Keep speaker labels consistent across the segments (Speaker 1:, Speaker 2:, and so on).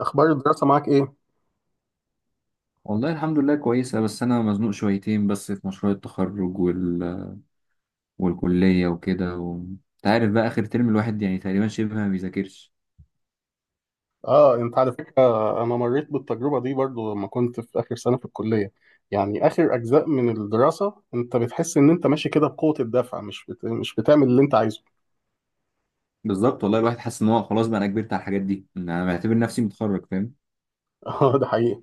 Speaker 1: اخبار الدراسه معاك ايه؟
Speaker 2: والله الحمد لله كويسة. بس أنا مزنوق شويتين بس في مشروع التخرج والكلية وكده أنت عارف بقى آخر ترم الواحد يعني تقريبا شبه ما بيذاكرش.
Speaker 1: اه، انت على فكره انا مريت بالتجربه دي برضو لما كنت في اخر سنه في الكليه. يعني اخر اجزاء من الدراسه انت بتحس ان انت ماشي كده بقوه الدفع، مش بتعمل اللي انت عايزه.
Speaker 2: بالظبط. والله الواحد حاسس إن هو خلاص بقى أنا كبرت على الحاجات دي، إن أنا بعتبر نفسي متخرج، فاهم؟
Speaker 1: اه، ده حقيقي.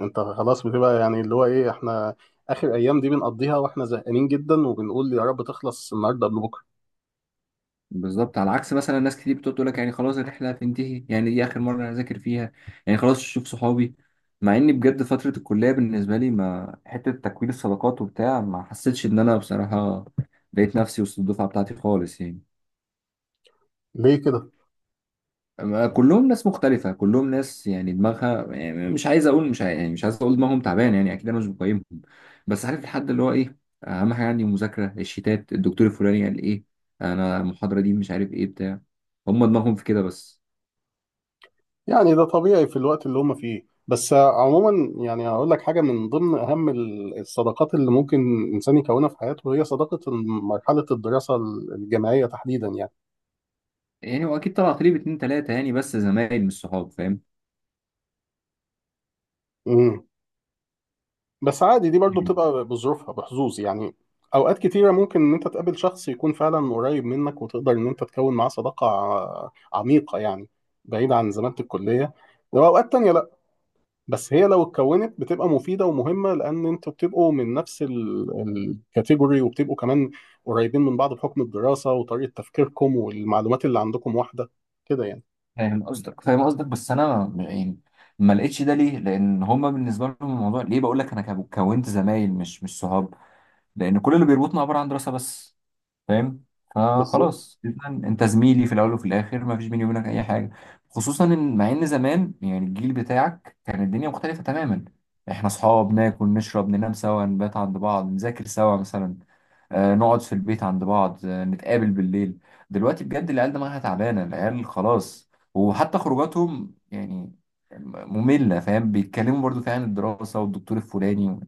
Speaker 1: انت خلاص بتبقى يعني اللي هو ايه، احنا اخر ايام دي بنقضيها واحنا زهقانين جدا وبنقول يا رب تخلص النهارده قبل بكره.
Speaker 2: بالظبط، على عكس مثلا ناس كتير بتقعد تقول لك يعني خلاص الرحلة هتنتهي، يعني دي آخر مرة أنا أذاكر فيها، يعني خلاص أشوف صحابي. مع إني بجد فترة الكلية بالنسبة لي ما حتة تكوين الصداقات وبتاع، ما حسيتش إن أنا بصراحة لقيت نفسي وسط الدفعة بتاعتي خالص يعني.
Speaker 1: ليه كده؟
Speaker 2: ما كلهم ناس مختلفة، كلهم ناس يعني دماغها، يعني مش عايز أقول مش عايز، يعني مش عايز أقول دماغهم تعبان يعني. أكيد أنا مش بقيمهم، بس عارف الحد اللي هو إيه. أهم حاجة عندي المذاكرة، الشيتات، الدكتور الفلاني قال إيه، أنا المحاضرة دي مش عارف إيه بتاع. هم دماغهم في كده بس.
Speaker 1: يعني ده طبيعي في الوقت اللي هم فيه، بس عموما يعني هقول لك حاجة، من ضمن أهم الصداقات اللي ممكن إنسان يكونها في حياته هي صداقة مرحلة الدراسة الجامعية تحديدا يعني.
Speaker 2: يعني هو أكيد طلعت لي باتنين تلاتة يعني، بس زمايل مش صحاب، فاهم؟
Speaker 1: امم بس عادي دي برضو بتبقى بظروفها بحظوظ يعني. أوقات كتيرة ممكن إن أنت تقابل شخص يكون فعلا قريب منك وتقدر إن أنت تكون معاه صداقة عميقة يعني، بعيد عن زمانة الكلية. وأوقات تانية، بس هي لو اتكونت بتبقى مفيدة ومهمة، لأن أنتوا بتبقوا من نفس الكاتيجوري، وبتبقوا كمان قريبين من بعض بحكم الدراسة، وطريقة تفكيركم والمعلومات اللي عندكم واحدة كده يعني.
Speaker 2: فاهم قصدك. بس انا يعني ما لقيتش ده. ليه؟ لان هما بالنسبه لهم الموضوع ليه، بقول لك انا كونت زمايل مش صحاب، لان كل اللي بيربطنا عباره عن دراسه بس، فاهم؟
Speaker 1: بالظبط.
Speaker 2: فخلاص إذا انت زميلي في الاول وفي الاخر، ما فيش بيني وبينك اي حاجه. خصوصا ان، مع ان زمان يعني الجيل بتاعك كان الدنيا مختلفه تماما. احنا اصحاب، ناكل نشرب ننام سوا، نبات عند بعض، نذاكر سوا مثلا، آه نقعد في البيت عند بعض، آه نتقابل بالليل. دلوقتي بجد العيال دماغها تعبانه، العيال خلاص، وحتى خروجاتهم يعني ممله، فاهم؟ بيتكلموا برضو فيها عن الدراسه والدكتور الفلاني.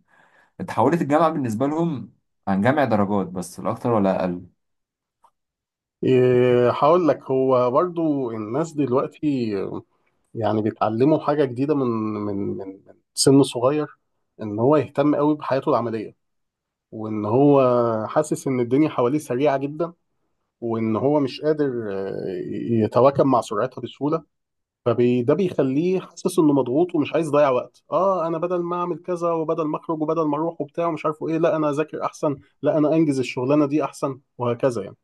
Speaker 2: اتحولت الجامعه بالنسبه لهم عن جمع درجات بس، لا اكتر ولا اقل.
Speaker 1: إيه، هقول لك، هو برضو الناس دلوقتي يعني بيتعلموا حاجة جديدة من سن صغير، إن هو يهتم قوي بحياته العملية، وإن هو حاسس إن الدنيا حواليه سريعة جدا، وإن هو مش قادر آه، يتواكب مع سرعتها بسهولة. فده بيخليه حاسس انه مضغوط، ومش عايز يضيع وقت. اه، انا بدل ما اعمل كذا وبدل ما اخرج وبدل ما اروح وبتاع ومش عارفه ايه، لا انا اذاكر احسن، لا انا انجز الشغلانه دي احسن، وهكذا يعني.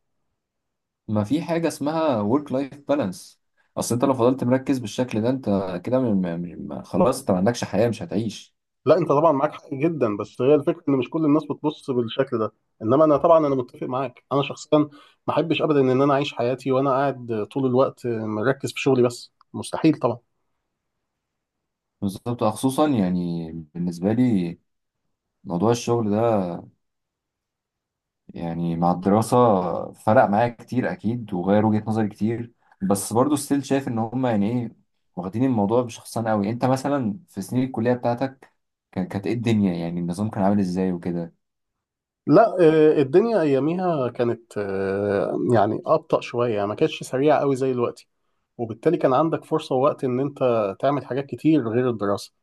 Speaker 2: ما في حاجة اسمها work life balance. اصل انت لو فضلت مركز بالشكل ده، انت كده خلاص، انت ما عندكش حياة، مش هتعيش.
Speaker 1: لا انت طبعا معاك حق جدا، بس هي الفكره ان مش كل الناس بتبص بالشكل ده. انما انا طبعا انا متفق معاك، انا شخصيا ما احبش ابدا ان انا اعيش حياتي وانا قاعد طول الوقت مركز في شغلي، بس مستحيل طبعا.
Speaker 2: بالظبط، خصوصا يعني بالنسبة لي موضوع الشغل ده يعني مع الدراسة فرق معايا كتير اكيد، وغير وجهة نظري كتير. بس برضو ستيل شايف ان هما يعني ايه، واخدين الموضوع بشخصان قوي. انت مثلا في سنين الكلية بتاعتك كانت ايه الدنيا، يعني النظام كان عامل ازاي وكده؟
Speaker 1: لا الدنيا اياميها كانت يعني ابطأ شويه، يعني ما كانتش سريعه قوي زي دلوقتي، وبالتالي كان عندك فرصة ووقت إن أنت تعمل حاجات كتير غير الدراسة.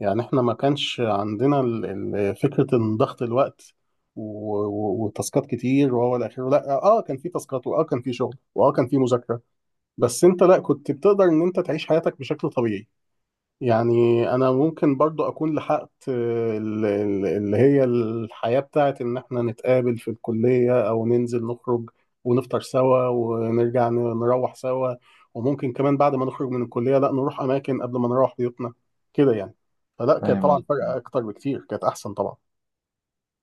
Speaker 1: يعني إحنا ما كانش عندنا فكرة إن ضغط الوقت وتاسكات كتير وهو إلى آخره. لا آه، كان في تاسكات، وآه كان في شغل، وآه كان في مذاكرة، بس أنت لا، كنت بتقدر إن أنت تعيش حياتك بشكل طبيعي يعني. انا ممكن برضو اكون لحقت اللي هي الحياة بتاعت ان احنا نتقابل في الكلية او ننزل نخرج ونفطر سوا ونرجع نروح سوا، وممكن كمان بعد ما نخرج من الكلية لا نروح اماكن قبل ما نروح بيوتنا كده يعني. فلا، كانت
Speaker 2: فاهم
Speaker 1: طبعا
Speaker 2: قصدك،
Speaker 1: فرق اكتر بكتير، كانت احسن طبعا.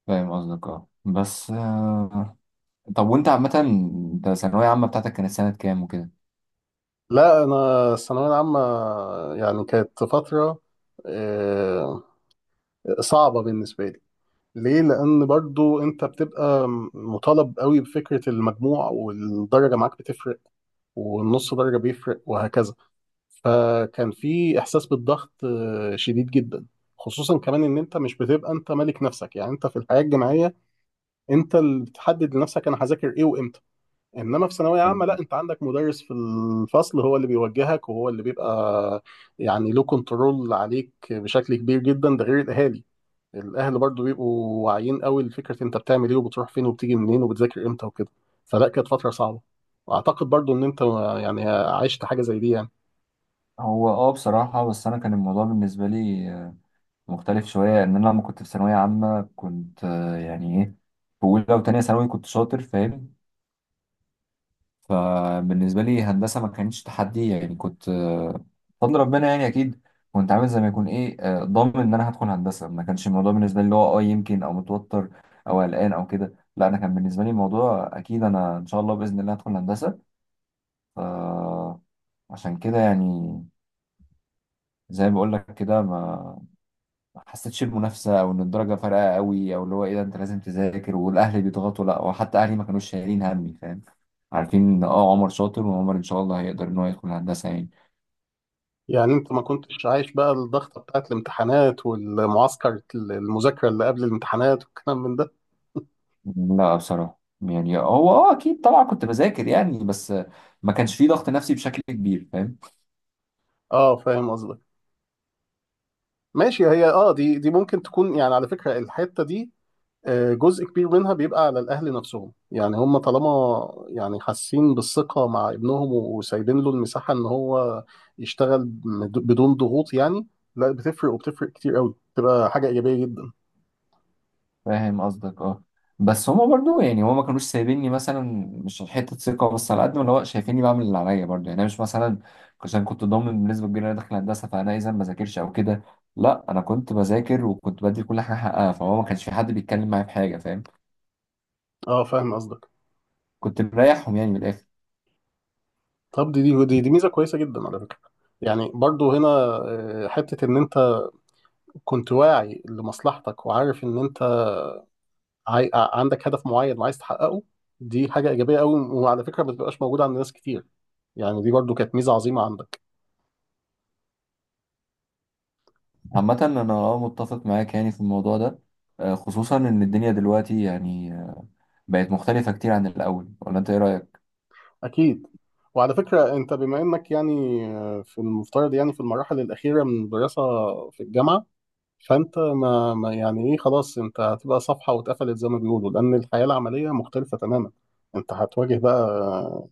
Speaker 2: فاهم قصدك. اه بس طب وانت عامة، انت الثانوية عامة بتاعتك كانت سنة كام وكده؟
Speaker 1: لا انا الثانوية العامة يعني كانت فترة آه، صعبة بالنسبة لي. ليه؟ لان برضو انت بتبقى مطالب قوي بفكره المجموع، والدرجه معاك بتفرق والنص درجه بيفرق، وهكذا. فكان في احساس بالضغط شديد جدا، خصوصا كمان ان انت مش بتبقى انت ملك نفسك. يعني انت في الحياه الجامعيه انت اللي بتحدد لنفسك انا هذاكر ايه وامتى، انما في ثانويه عامه لا، انت عندك مدرس في الفصل هو اللي بيوجهك، وهو اللي بيبقى يعني له كنترول عليك بشكل كبير جدا. ده غير الاهالي، الاهل برضو بيبقوا واعيين قوي لفكره انت بتعمل ايه وبتروح فين وبتيجي منين وبتذاكر امتى وكده. فلا، كانت فتره صعبه. واعتقد برضو ان انت يعني عشت حاجه زي دي يعني.
Speaker 2: هو اه بصراحة، بس أنا كان الموضوع بالنسبة لي مختلف شوية. إن أنا لما كنت في ثانوية عامة كنت يعني إيه، في أولى وتانية ثانوي كنت شاطر، فاهم؟ فبالنسبة لي هندسة ما كانتش تحدي. يعني كنت بفضل ربنا يعني، أكيد كنت عامل زي ما يكون إيه ضامن إن أنا هدخل هندسة. ما كانش الموضوع بالنسبة لي اللي هو أه يمكن أو متوتر أو قلقان أو كده. لا، أنا كان بالنسبة لي الموضوع أكيد أنا إن شاء الله بإذن الله هدخل هندسة. عشان كده يعني، زي ما بقول لك كده، ما حسيتش بمنافسه او ان الدرجه فارقه قوي، او اللي هو ايه ده انت لازم تذاكر والاهل بيضغطوا. لا، وحتى اهلي ما كانوش شايلين همي، فاهم؟ عارفين ان اه عمر شاطر، وعمر ان شاء الله هيقدر ان هو يدخل هندسه يعني.
Speaker 1: يعني انت ما كنتش عايش بقى الضغطه بتاعت الامتحانات والمعسكر المذاكره اللي قبل الامتحانات والكلام من ده؟
Speaker 2: لا بصراحه يعني هو اه اكيد طبعا كنت بذاكر يعني، بس ما كانش فيه ضغط نفسي بشكل كبير، فاهم؟
Speaker 1: اه، فاهم قصدك. ماشي، هي اه دي ممكن تكون يعني على فكره الحته دي جزء كبير منها بيبقى على الاهل نفسهم. يعني هم طالما يعني حاسين بالثقه مع ابنهم وسايبين له المساحه ان هو بدون ضغوط يعني، لا، بتفرق، وبتفرق كتير قوي، بتبقى حاجه ايجابيه جدا.
Speaker 2: فاهم قصدك. اه بس هما برضو يعني، هما ما كانوش سايبيني مثلا، مش حته ثقه بس، على قد ما اللي هو شايفيني بعمل اللي عليا برضو يعني. انا مش مثلا عشان كنت ضامن بنسبه كبيره ان انا داخل هندسه فانا اذا ما بذاكرش او كده. لا، انا كنت بذاكر وكنت بدي كل حاجه حقها، فهو ما كانش في حد بيتكلم معايا في حاجه، فاهم؟
Speaker 1: اه، فاهم قصدك.
Speaker 2: كنت مريحهم يعني من الاخر.
Speaker 1: طب دي ميزه كويسه جدا على فكره. يعني برضو هنا حته ان انت كنت واعي لمصلحتك، وعارف ان انت عندك هدف معين وعايز تحققه. دي حاجه ايجابيه قوي، وعلى فكره ما بتبقاش موجوده عند ناس كتير، يعني دي برضو كانت ميزه عظيمه عندك.
Speaker 2: عامه انا اه متفق معاك يعني في الموضوع ده، خصوصا ان الدنيا دلوقتي يعني بقت مختلفه كتير عن الاول، ولا انت ايه رايك؟
Speaker 1: أكيد. وعلى فكرة أنت بما إنك يعني في المفترض يعني في المراحل الأخيرة من الدراسة في الجامعة، فأنت ما يعني إيه، خلاص أنت هتبقى صفحة واتقفلت زي ما بيقولوا، لأن الحياة العملية مختلفة تماما، أنت هتواجه بقى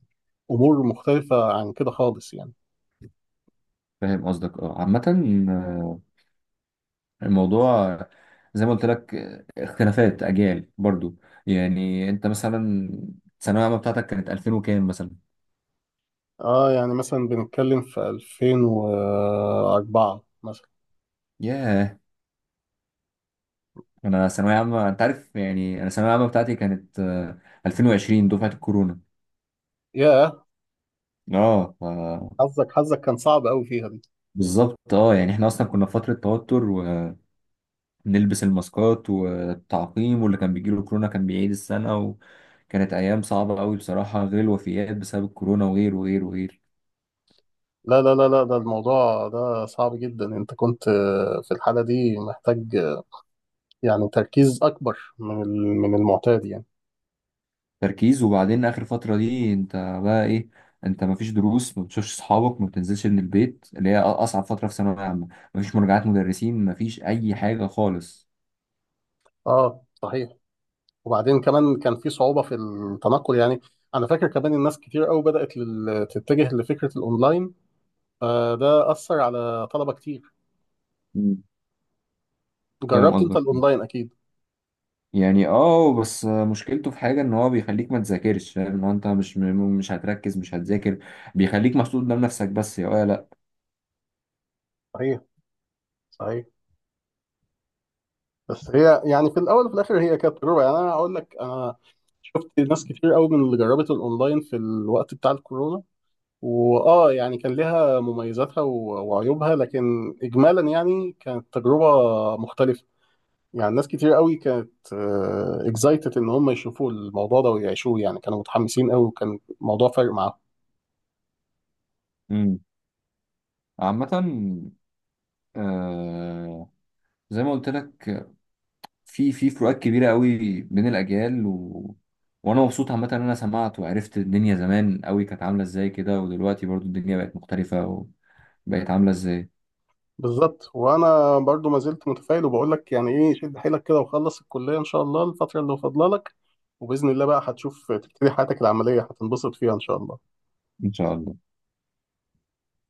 Speaker 1: أمور مختلفة عن كده خالص يعني.
Speaker 2: فاهم قصدك. اه عامه الموضوع زي ما قلت لك، اختلافات اجيال برضو. يعني انت مثلا الثانويه العامه بتاعتك كانت 2000 وكام مثلا؟
Speaker 1: اه، يعني مثلا بنتكلم في 2004 مثلا.
Speaker 2: ياه، انا ثانويه عامه انت عارف، يعني انا الثانويه العامه بتاعتي كانت 2020، دفعه الكورونا.
Speaker 1: ياه،
Speaker 2: اه
Speaker 1: حظك كان صعب قوي فيها دي.
Speaker 2: بالظبط. اه يعني احنا اصلا كنا في فتره توتر، ونلبس الماسكات والتعقيم، واللي كان بيجيله كورونا كان بيعيد السنه، وكانت ايام صعبه قوي بصراحه، غير الوفيات بسبب الكورونا وغير وغير وغير.
Speaker 1: لا لا لا لا، ده الموضوع ده صعب جدا. انت كنت في الحالة دي محتاج يعني تركيز اكبر من من المعتاد يعني.
Speaker 2: تركيز، وبعدين اخر فتره دي انت بقى ايه، انت مفيش دروس، ما بتشوفش اصحابك، ما بتنزلش من البيت، اللي هي اصعب فتره في ثانويه عامه، مفيش مراجعات مدرسين، مفيش اي حاجه خالص.
Speaker 1: اه صحيح. وبعدين كمان كان في صعوبة في التنقل يعني. انا فاكر كمان الناس كتير قوي بدأت تتجه لفكرة الاونلاين، فده أثر على طلبة كتير.
Speaker 2: مم. فاهم
Speaker 1: جربت انت
Speaker 2: قصدك.
Speaker 1: الاونلاين اكيد؟
Speaker 2: يعني اه بس مشكلته في حاجه ان هو بيخليك ما تذاكرش، فاهم؟ ان هو انت مش مش هتركز، مش هتذاكر، بيخليك محطوط قدام نفسك بس، يا ولا لا.
Speaker 1: صحيح. صحيح. بس هي يعني في الاول وفي الاخر هي كانت تجربه. يعني انا هقول لك، انا شفت ناس كتير قوي من اللي جربت الاونلاين في الوقت بتاع الكورونا، واه يعني كان لها مميزاتها وعيوبها، لكن اجمالا يعني كانت تجربه مختلفه. يعني ناس كتير قوي كانت اكزايتد ان هم يشوفوا الموضوع ده ويعيشوه، يعني كانوا متحمسين قوي وكان الموضوع فارق معاهم.
Speaker 2: مم. عامه آه زي ما قلت لك، في فروقات كبيرة قوي بين الأجيال وأنا مبسوط عامة إن أنا سمعت وعرفت الدنيا زمان قوي كانت عاملة إزاي كده، ودلوقتي برضو الدنيا بقت مختلفة وبقت عاملة إزاي.
Speaker 1: بالظبط. وانا برضو ما زلت متفائل وبقول لك يعني ايه، شد حيلك كده وخلص الكليه ان شاء الله الفتره اللي فاضله لك، وباذن الله بقى هتشوف تبتدي حياتك العمليه هتنبسط فيها ان شاء الله.
Speaker 2: إن شاء الله.